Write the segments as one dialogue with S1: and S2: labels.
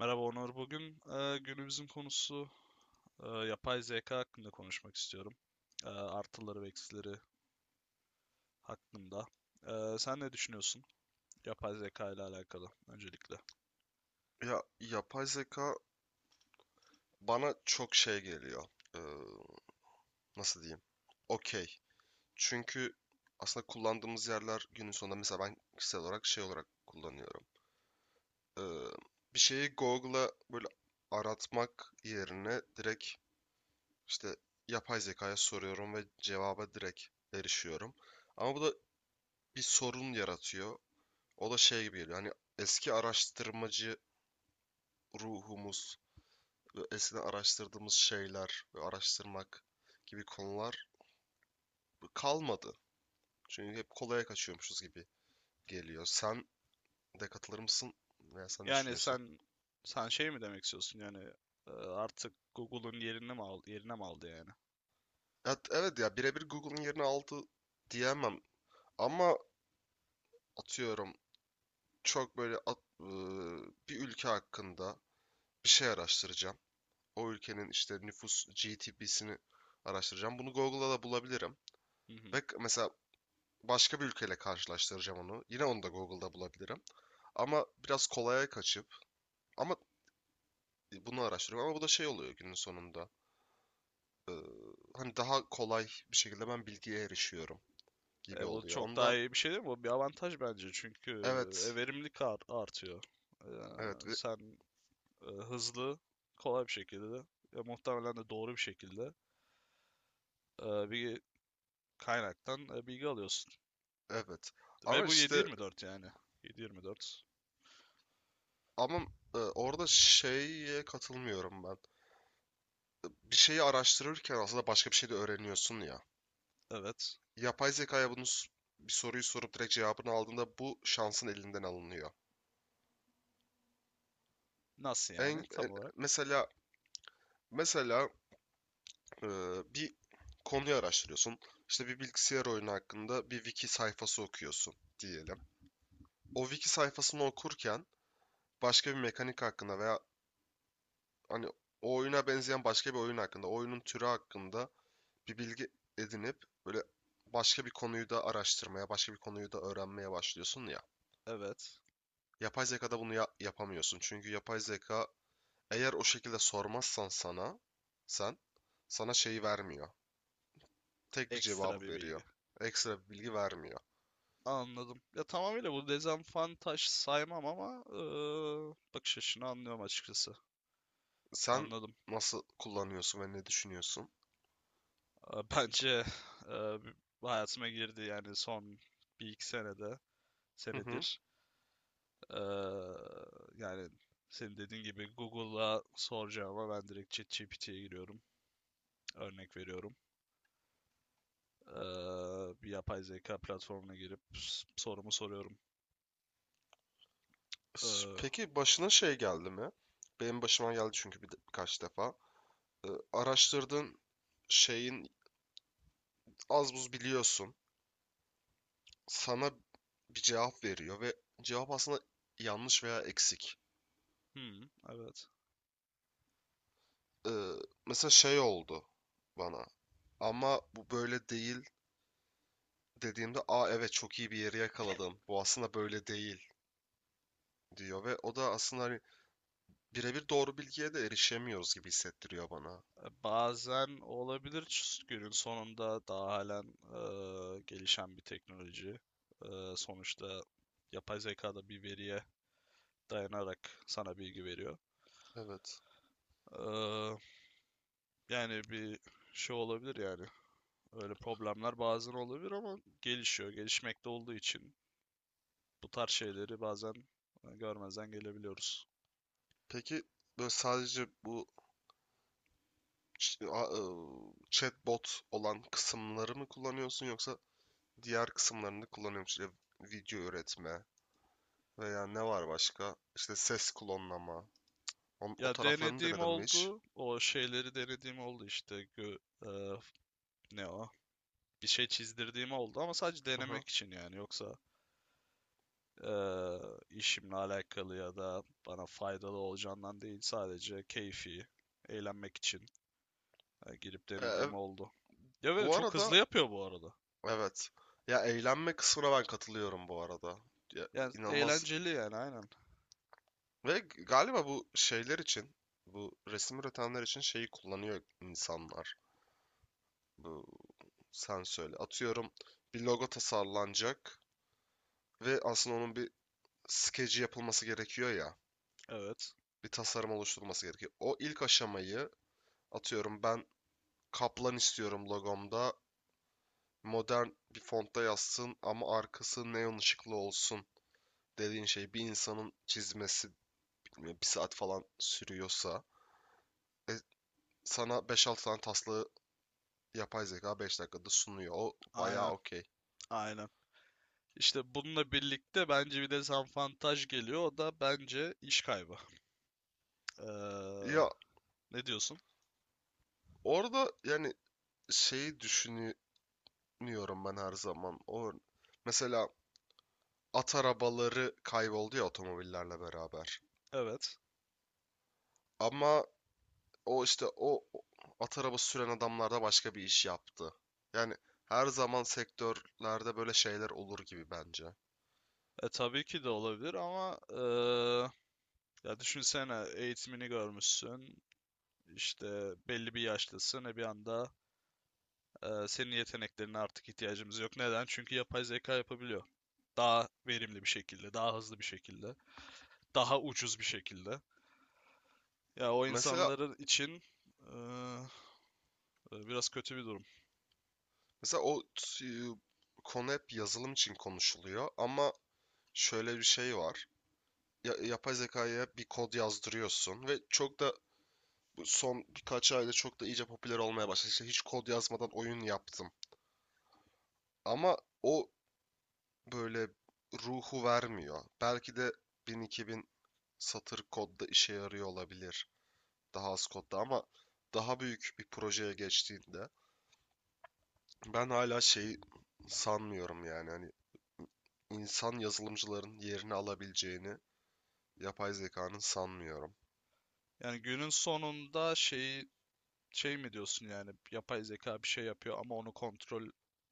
S1: Merhaba Onur. Bugün günümüzün konusu yapay zeka hakkında konuşmak istiyorum. Artıları ve eksileri hakkında. Sen ne düşünüyorsun yapay zeka ile alakalı öncelikle?
S2: Ya yapay zeka bana çok şey geliyor. Ee, Nasıl diyeyim? Okey. Çünkü aslında kullandığımız yerler günün sonunda mesela ben kişisel olarak şey olarak kullanıyorum. Ee, Bir şeyi Google'a böyle aratmak yerine direkt işte yapay zekaya soruyorum ve cevaba direkt erişiyorum. Ama bu da bir sorun yaratıyor. O da şey gibi geliyor. Hani eski araştırmacı ruhumuz ve eskiden araştırdığımız şeyler ve araştırmak gibi konular kalmadı. Çünkü hep kolaya kaçıyormuşuz gibi geliyor. Sen de katılır mısın? Veya sen ne
S1: Yani
S2: düşünüyorsun?
S1: sen şey mi demek istiyorsun? Yani artık Google'un yerini mi aldı, yerine mi aldı yani?
S2: Evet, evet ya birebir Google'ın yerini aldı diyemem. Ama atıyorum çok böyle bir ülke hakkında bir şey araştıracağım. O ülkenin işte nüfus GDP'sini araştıracağım. Bunu Google'da da bulabilirim.
S1: Hı hı.
S2: Ve mesela başka bir ülkeyle karşılaştıracağım onu. Yine onu da Google'da bulabilirim. Ama biraz kolaya kaçıp ama bunu araştırıyorum ama bu da şey oluyor günün sonunda. Ee, Hani daha kolay bir şekilde ben bilgiye erişiyorum gibi
S1: Bu
S2: oluyor.
S1: çok daha
S2: Ondan
S1: iyi bir şey değil mi? Bu bir avantaj bence çünkü
S2: evet,
S1: verimlilik artıyor. E,
S2: evet,
S1: Sen hızlı, kolay bir şekilde ve muhtemelen de doğru bir şekilde bir kaynaktan bilgi alıyorsun.
S2: evet.
S1: Ve
S2: Ama
S1: bu
S2: işte
S1: 724 yani. 724.
S2: ama orada şeye katılmıyorum ben. Bir şeyi araştırırken aslında başka bir şey de öğreniyorsun ya.
S1: Evet.
S2: Yapay zekaya bunu bir soruyu sorup direkt cevabını aldığında bu şansın elinden alınıyor.
S1: Nasıl yani
S2: En,
S1: tam
S2: en-
S1: olarak?
S2: mesela mesela e, bir konuyu araştırıyorsun. İşte bir bilgisayar oyunu hakkında bir wiki sayfası okuyorsun diyelim. O wiki sayfasını okurken başka bir mekanik hakkında veya hani o oyuna benzeyen başka bir oyun hakkında, oyunun türü hakkında bir bilgi edinip böyle başka bir konuyu da araştırmaya, başka bir konuyu da öğrenmeye başlıyorsun ya.
S1: Evet.
S2: Yapay zekada bunu yapamıyorsun. Çünkü yapay zeka eğer o şekilde sormazsan sen sana şeyi vermiyor. Tek bir
S1: Ekstra
S2: cevabı
S1: bir bilgi.
S2: veriyor. Ekstra bir bilgi vermiyor.
S1: Anladım. Ya tamamıyla bu dezavantaj saymam ama bakış açını anlıyorum açıkçası.
S2: Sen
S1: Anladım.
S2: nasıl kullanıyorsun ve ne düşünüyorsun?
S1: Bence e, hayatıma girdi yani son bir iki
S2: Hı hı.
S1: senedir. E, Yani senin dediğin gibi Google'a soracağıma ben direkt ChatGPT'ye giriyorum. Örnek veriyorum. Bir yapay zeka platformuna girip sorumu soruyorum. Eee,
S2: Peki başına şey geldi mi? Benim başıma geldi çünkü birkaç defa. Ee, Araştırdığın şeyin az buz biliyorsun. Sana bir cevap veriyor ve cevap aslında yanlış veya eksik.
S1: hmm, evet.
S2: Ee, Mesela şey oldu bana. Ama bu böyle değil dediğimde aa evet çok iyi bir yeri yakaladım. Bu aslında böyle değil diyor ve o da aslında hani birebir doğru bilgiye de erişemiyoruz gibi hissettiriyor bana.
S1: Bazen olabilir günün sonunda daha halen gelişen bir teknoloji. Sonuçta yapay zeka da bir veriye dayanarak sana bilgi veriyor.
S2: Evet.
S1: Eee, Yani bir şey olabilir yani. Öyle problemler bazen olabilir ama gelişiyor. Gelişmekte olduğu için bu tarz şeyleri bazen görmezden gelebiliyoruz.
S2: Peki böyle sadece bu chatbot olan kısımları mı kullanıyorsun yoksa diğer kısımlarını da kullanıyor musun? İşte video üretme veya ne var başka? İşte ses klonlama. O
S1: Ya
S2: taraflarını
S1: denediğim
S2: denedin mi hiç?
S1: oldu. O şeyleri denediğim oldu işte. Eee, ne o? Bir şey çizdirdiğim oldu ama sadece
S2: Hı hı.
S1: denemek için yani. Yoksa eee, işimle alakalı ya da bana faydalı olacağından değil. Sadece keyfi, eğlenmek için girip
S2: E, e,
S1: denediğim oldu. Ya ve
S2: Bu
S1: çok
S2: arada
S1: hızlı yapıyor bu arada.
S2: evet. Ya eğlenme kısmına ben katılıyorum bu arada. Ya,
S1: Yani
S2: inanılmaz.
S1: eğlenceli yani aynen.
S2: Ve galiba bu şeyler için, bu resim üretenler için şeyi kullanıyor insanlar. Bu sen söyle. Atıyorum bir logo tasarlanacak ve aslında onun bir skeci yapılması gerekiyor ya.
S1: Evet.
S2: Bir tasarım oluşturulması gerekiyor. O ilk aşamayı atıyorum ben kaplan istiyorum logomda. Modern bir fontta yazsın ama arkası neon ışıklı olsun dediğin şey bir insanın çizmesi bilmiyorum, bir saat falan sürüyorsa e, sana beş altı tane taslağı yapay zeka 5 dakikada sunuyor. O bayağı
S1: Aynen.
S2: okey.
S1: Aynen. İşte bununla birlikte bence bir de dezavantaj geliyor. O da bence iş kaybı. Eee,
S2: Ya
S1: ne diyorsun?
S2: orada yani şeyi düşünüyorum ben her zaman. O mesela at arabaları kayboldu ya otomobillerle beraber.
S1: Evet.
S2: Ama o işte o at arabası süren adamlar da başka bir iş yaptı. Yani her zaman sektörlerde böyle şeyler olur gibi bence.
S1: Tabii ki de olabilir ama ya düşünsene eğitimini görmüşsün. İşte belli bir yaşlısın ve bir anda senin yeteneklerine artık ihtiyacımız yok. Neden? Çünkü yapay zeka yapabiliyor. Daha verimli bir şekilde, daha hızlı bir şekilde, daha ucuz bir şekilde. Ya o
S2: Mesela
S1: insanların için e, biraz kötü bir durum.
S2: mesela o konu hep yazılım için konuşuluyor ama şöyle bir şey var. Ya, yapay zekaya bir kod yazdırıyorsun ve çok da bu son birkaç ayda çok da iyice popüler olmaya başladı. İşte hiç kod yazmadan oyun yaptım. Ama o böyle ruhu vermiyor. Belki de 1000-2000 satır kodda işe yarıyor olabilir. Daha az kodda ama daha büyük bir projeye geçtiğinde ben hala şeyi sanmıyorum yani hani insan yazılımcıların yerini alabileceğini yapay zekanın sanmıyorum.
S1: Yani günün sonunda şey mi diyorsun yani yapay zeka bir şey yapıyor ama onu kontrol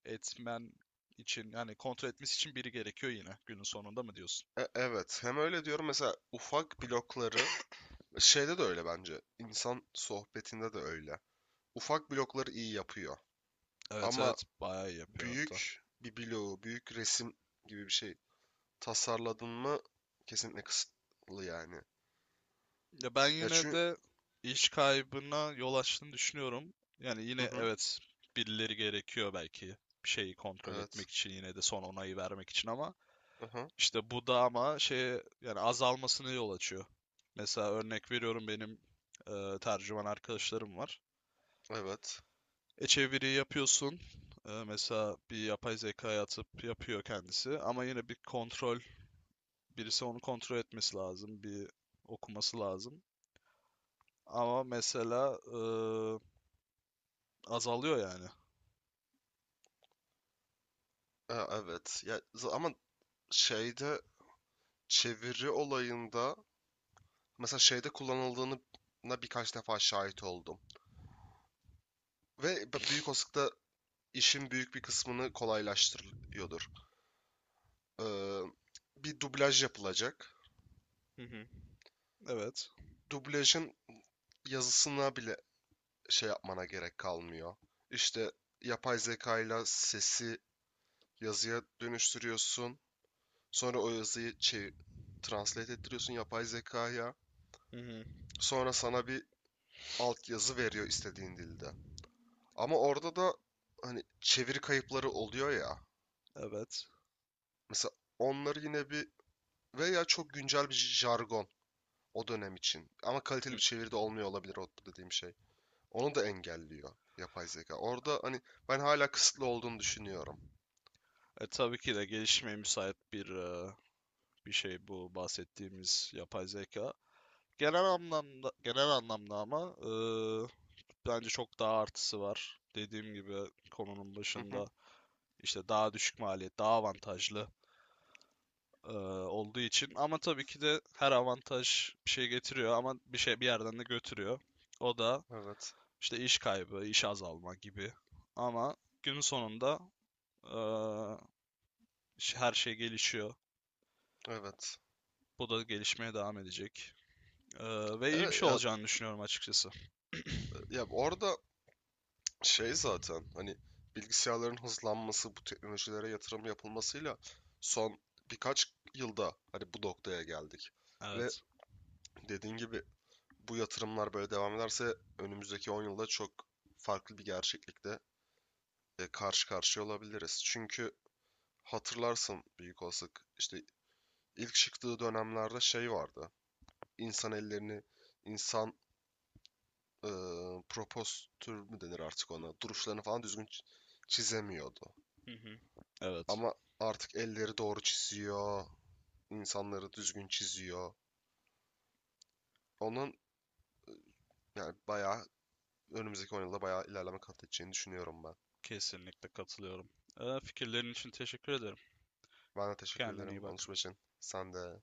S1: etmen için yani kontrol etmesi için biri gerekiyor yine günün sonunda mı diyorsun?
S2: Evet hem öyle diyorum mesela ufak blokları şeyde de öyle bence insan sohbetinde de öyle. Ufak blokları iyi yapıyor
S1: Evet
S2: ama
S1: evet bayağı iyi yapıyor hatta.
S2: büyük bir bloğu, büyük resim gibi bir şey tasarladın mı kesinlikle kısıtlı yani.
S1: Ya ben
S2: Ya
S1: yine
S2: çünkü
S1: de iş kaybına yol açtığını düşünüyorum. Yani yine
S2: hı hı,
S1: evet birileri gerekiyor belki bir şeyi kontrol
S2: evet.
S1: etmek için yine de son onayı vermek için ama
S2: Aha,
S1: işte bu da ama şeye yani azalmasına yol açıyor. Mesela örnek veriyorum benim tercüman arkadaşlarım var.
S2: evet.
S1: E çeviri yapıyorsun. Mesela bir yapay zekaya atıp yapıyor kendisi. Ama yine bir kontrol, birisi onu kontrol etmesi lazım. Bir okuması lazım. Ama mesela azalıyor yani.
S2: Evet. Ya ama şeyde çeviri olayında mesela şeyde kullanıldığını birkaç defa şahit oldum. Ve büyük olasılıkla işin büyük bir kısmını kolaylaştırıyordur. Ee, Bir dublaj yapılacak.
S1: Hı hı. Evet,
S2: Dublajın yazısına bile şey yapmana gerek kalmıyor. İşte yapay zeka ile sesi yazıya dönüştürüyorsun. Sonra o yazıyı translate ettiriyorsun yapay zekaya.
S1: Hı hı.
S2: Sonra sana bir altyazı veriyor istediğin dilde. Ama orada da hani çeviri kayıpları oluyor ya.
S1: evet.
S2: Mesela onları yine bir veya çok güncel bir jargon o dönem için. Ama kaliteli
S1: Hı.
S2: bir çeviri de olmuyor olabilir o dediğim şey. Onu da engelliyor yapay zeka. Orada hani ben hala kısıtlı olduğunu düşünüyorum.
S1: Tabii ki de gelişmeye müsait bir bir şey bu bahsettiğimiz yapay zeka. Genel anlamda ama bence çok daha artısı var. Dediğim gibi konunun
S2: Hı hı.
S1: başında işte daha düşük maliyet, daha avantajlı e, olduğu için. Ama tabii ki de her avantaj bir şey getiriyor ama bir şey bir yerden de götürüyor. O da
S2: Evet.
S1: işte iş kaybı, iş azalma gibi. Ama günün sonunda e, her şey gelişiyor.
S2: Evet.
S1: Bu da gelişmeye devam edecek. E, ve iyi bir
S2: Evet
S1: şey
S2: ya,
S1: olacağını düşünüyorum açıkçası.
S2: ya orada şey zaten hani bilgisayarların hızlanması bu teknolojilere yatırım yapılmasıyla son birkaç yılda hani bu noktaya geldik. Ve
S1: Evet.
S2: dediğin gibi bu yatırımlar böyle devam ederse önümüzdeki 10 yılda çok farklı bir gerçeklikte karşı karşıya olabiliriz. Çünkü hatırlarsın büyük olasılık işte ilk çıktığı dönemlerde şey vardı. İnsan ellerini, insan e, propostür mü denir artık ona? Duruşlarını falan düzgün çizemiyordu.
S1: Hı hı. Evet.
S2: Ama artık elleri doğru çiziyor, insanları düzgün çiziyor. Onun yani bayağı önümüzdeki 10 yılda bayağı ilerleme kat edeceğini düşünüyorum ben.
S1: Kesinlikle katılıyorum. Fikirlerin için teşekkür ederim.
S2: Ben de teşekkür
S1: Kendine iyi
S2: ederim
S1: bak.
S2: Anuşum için. Sen de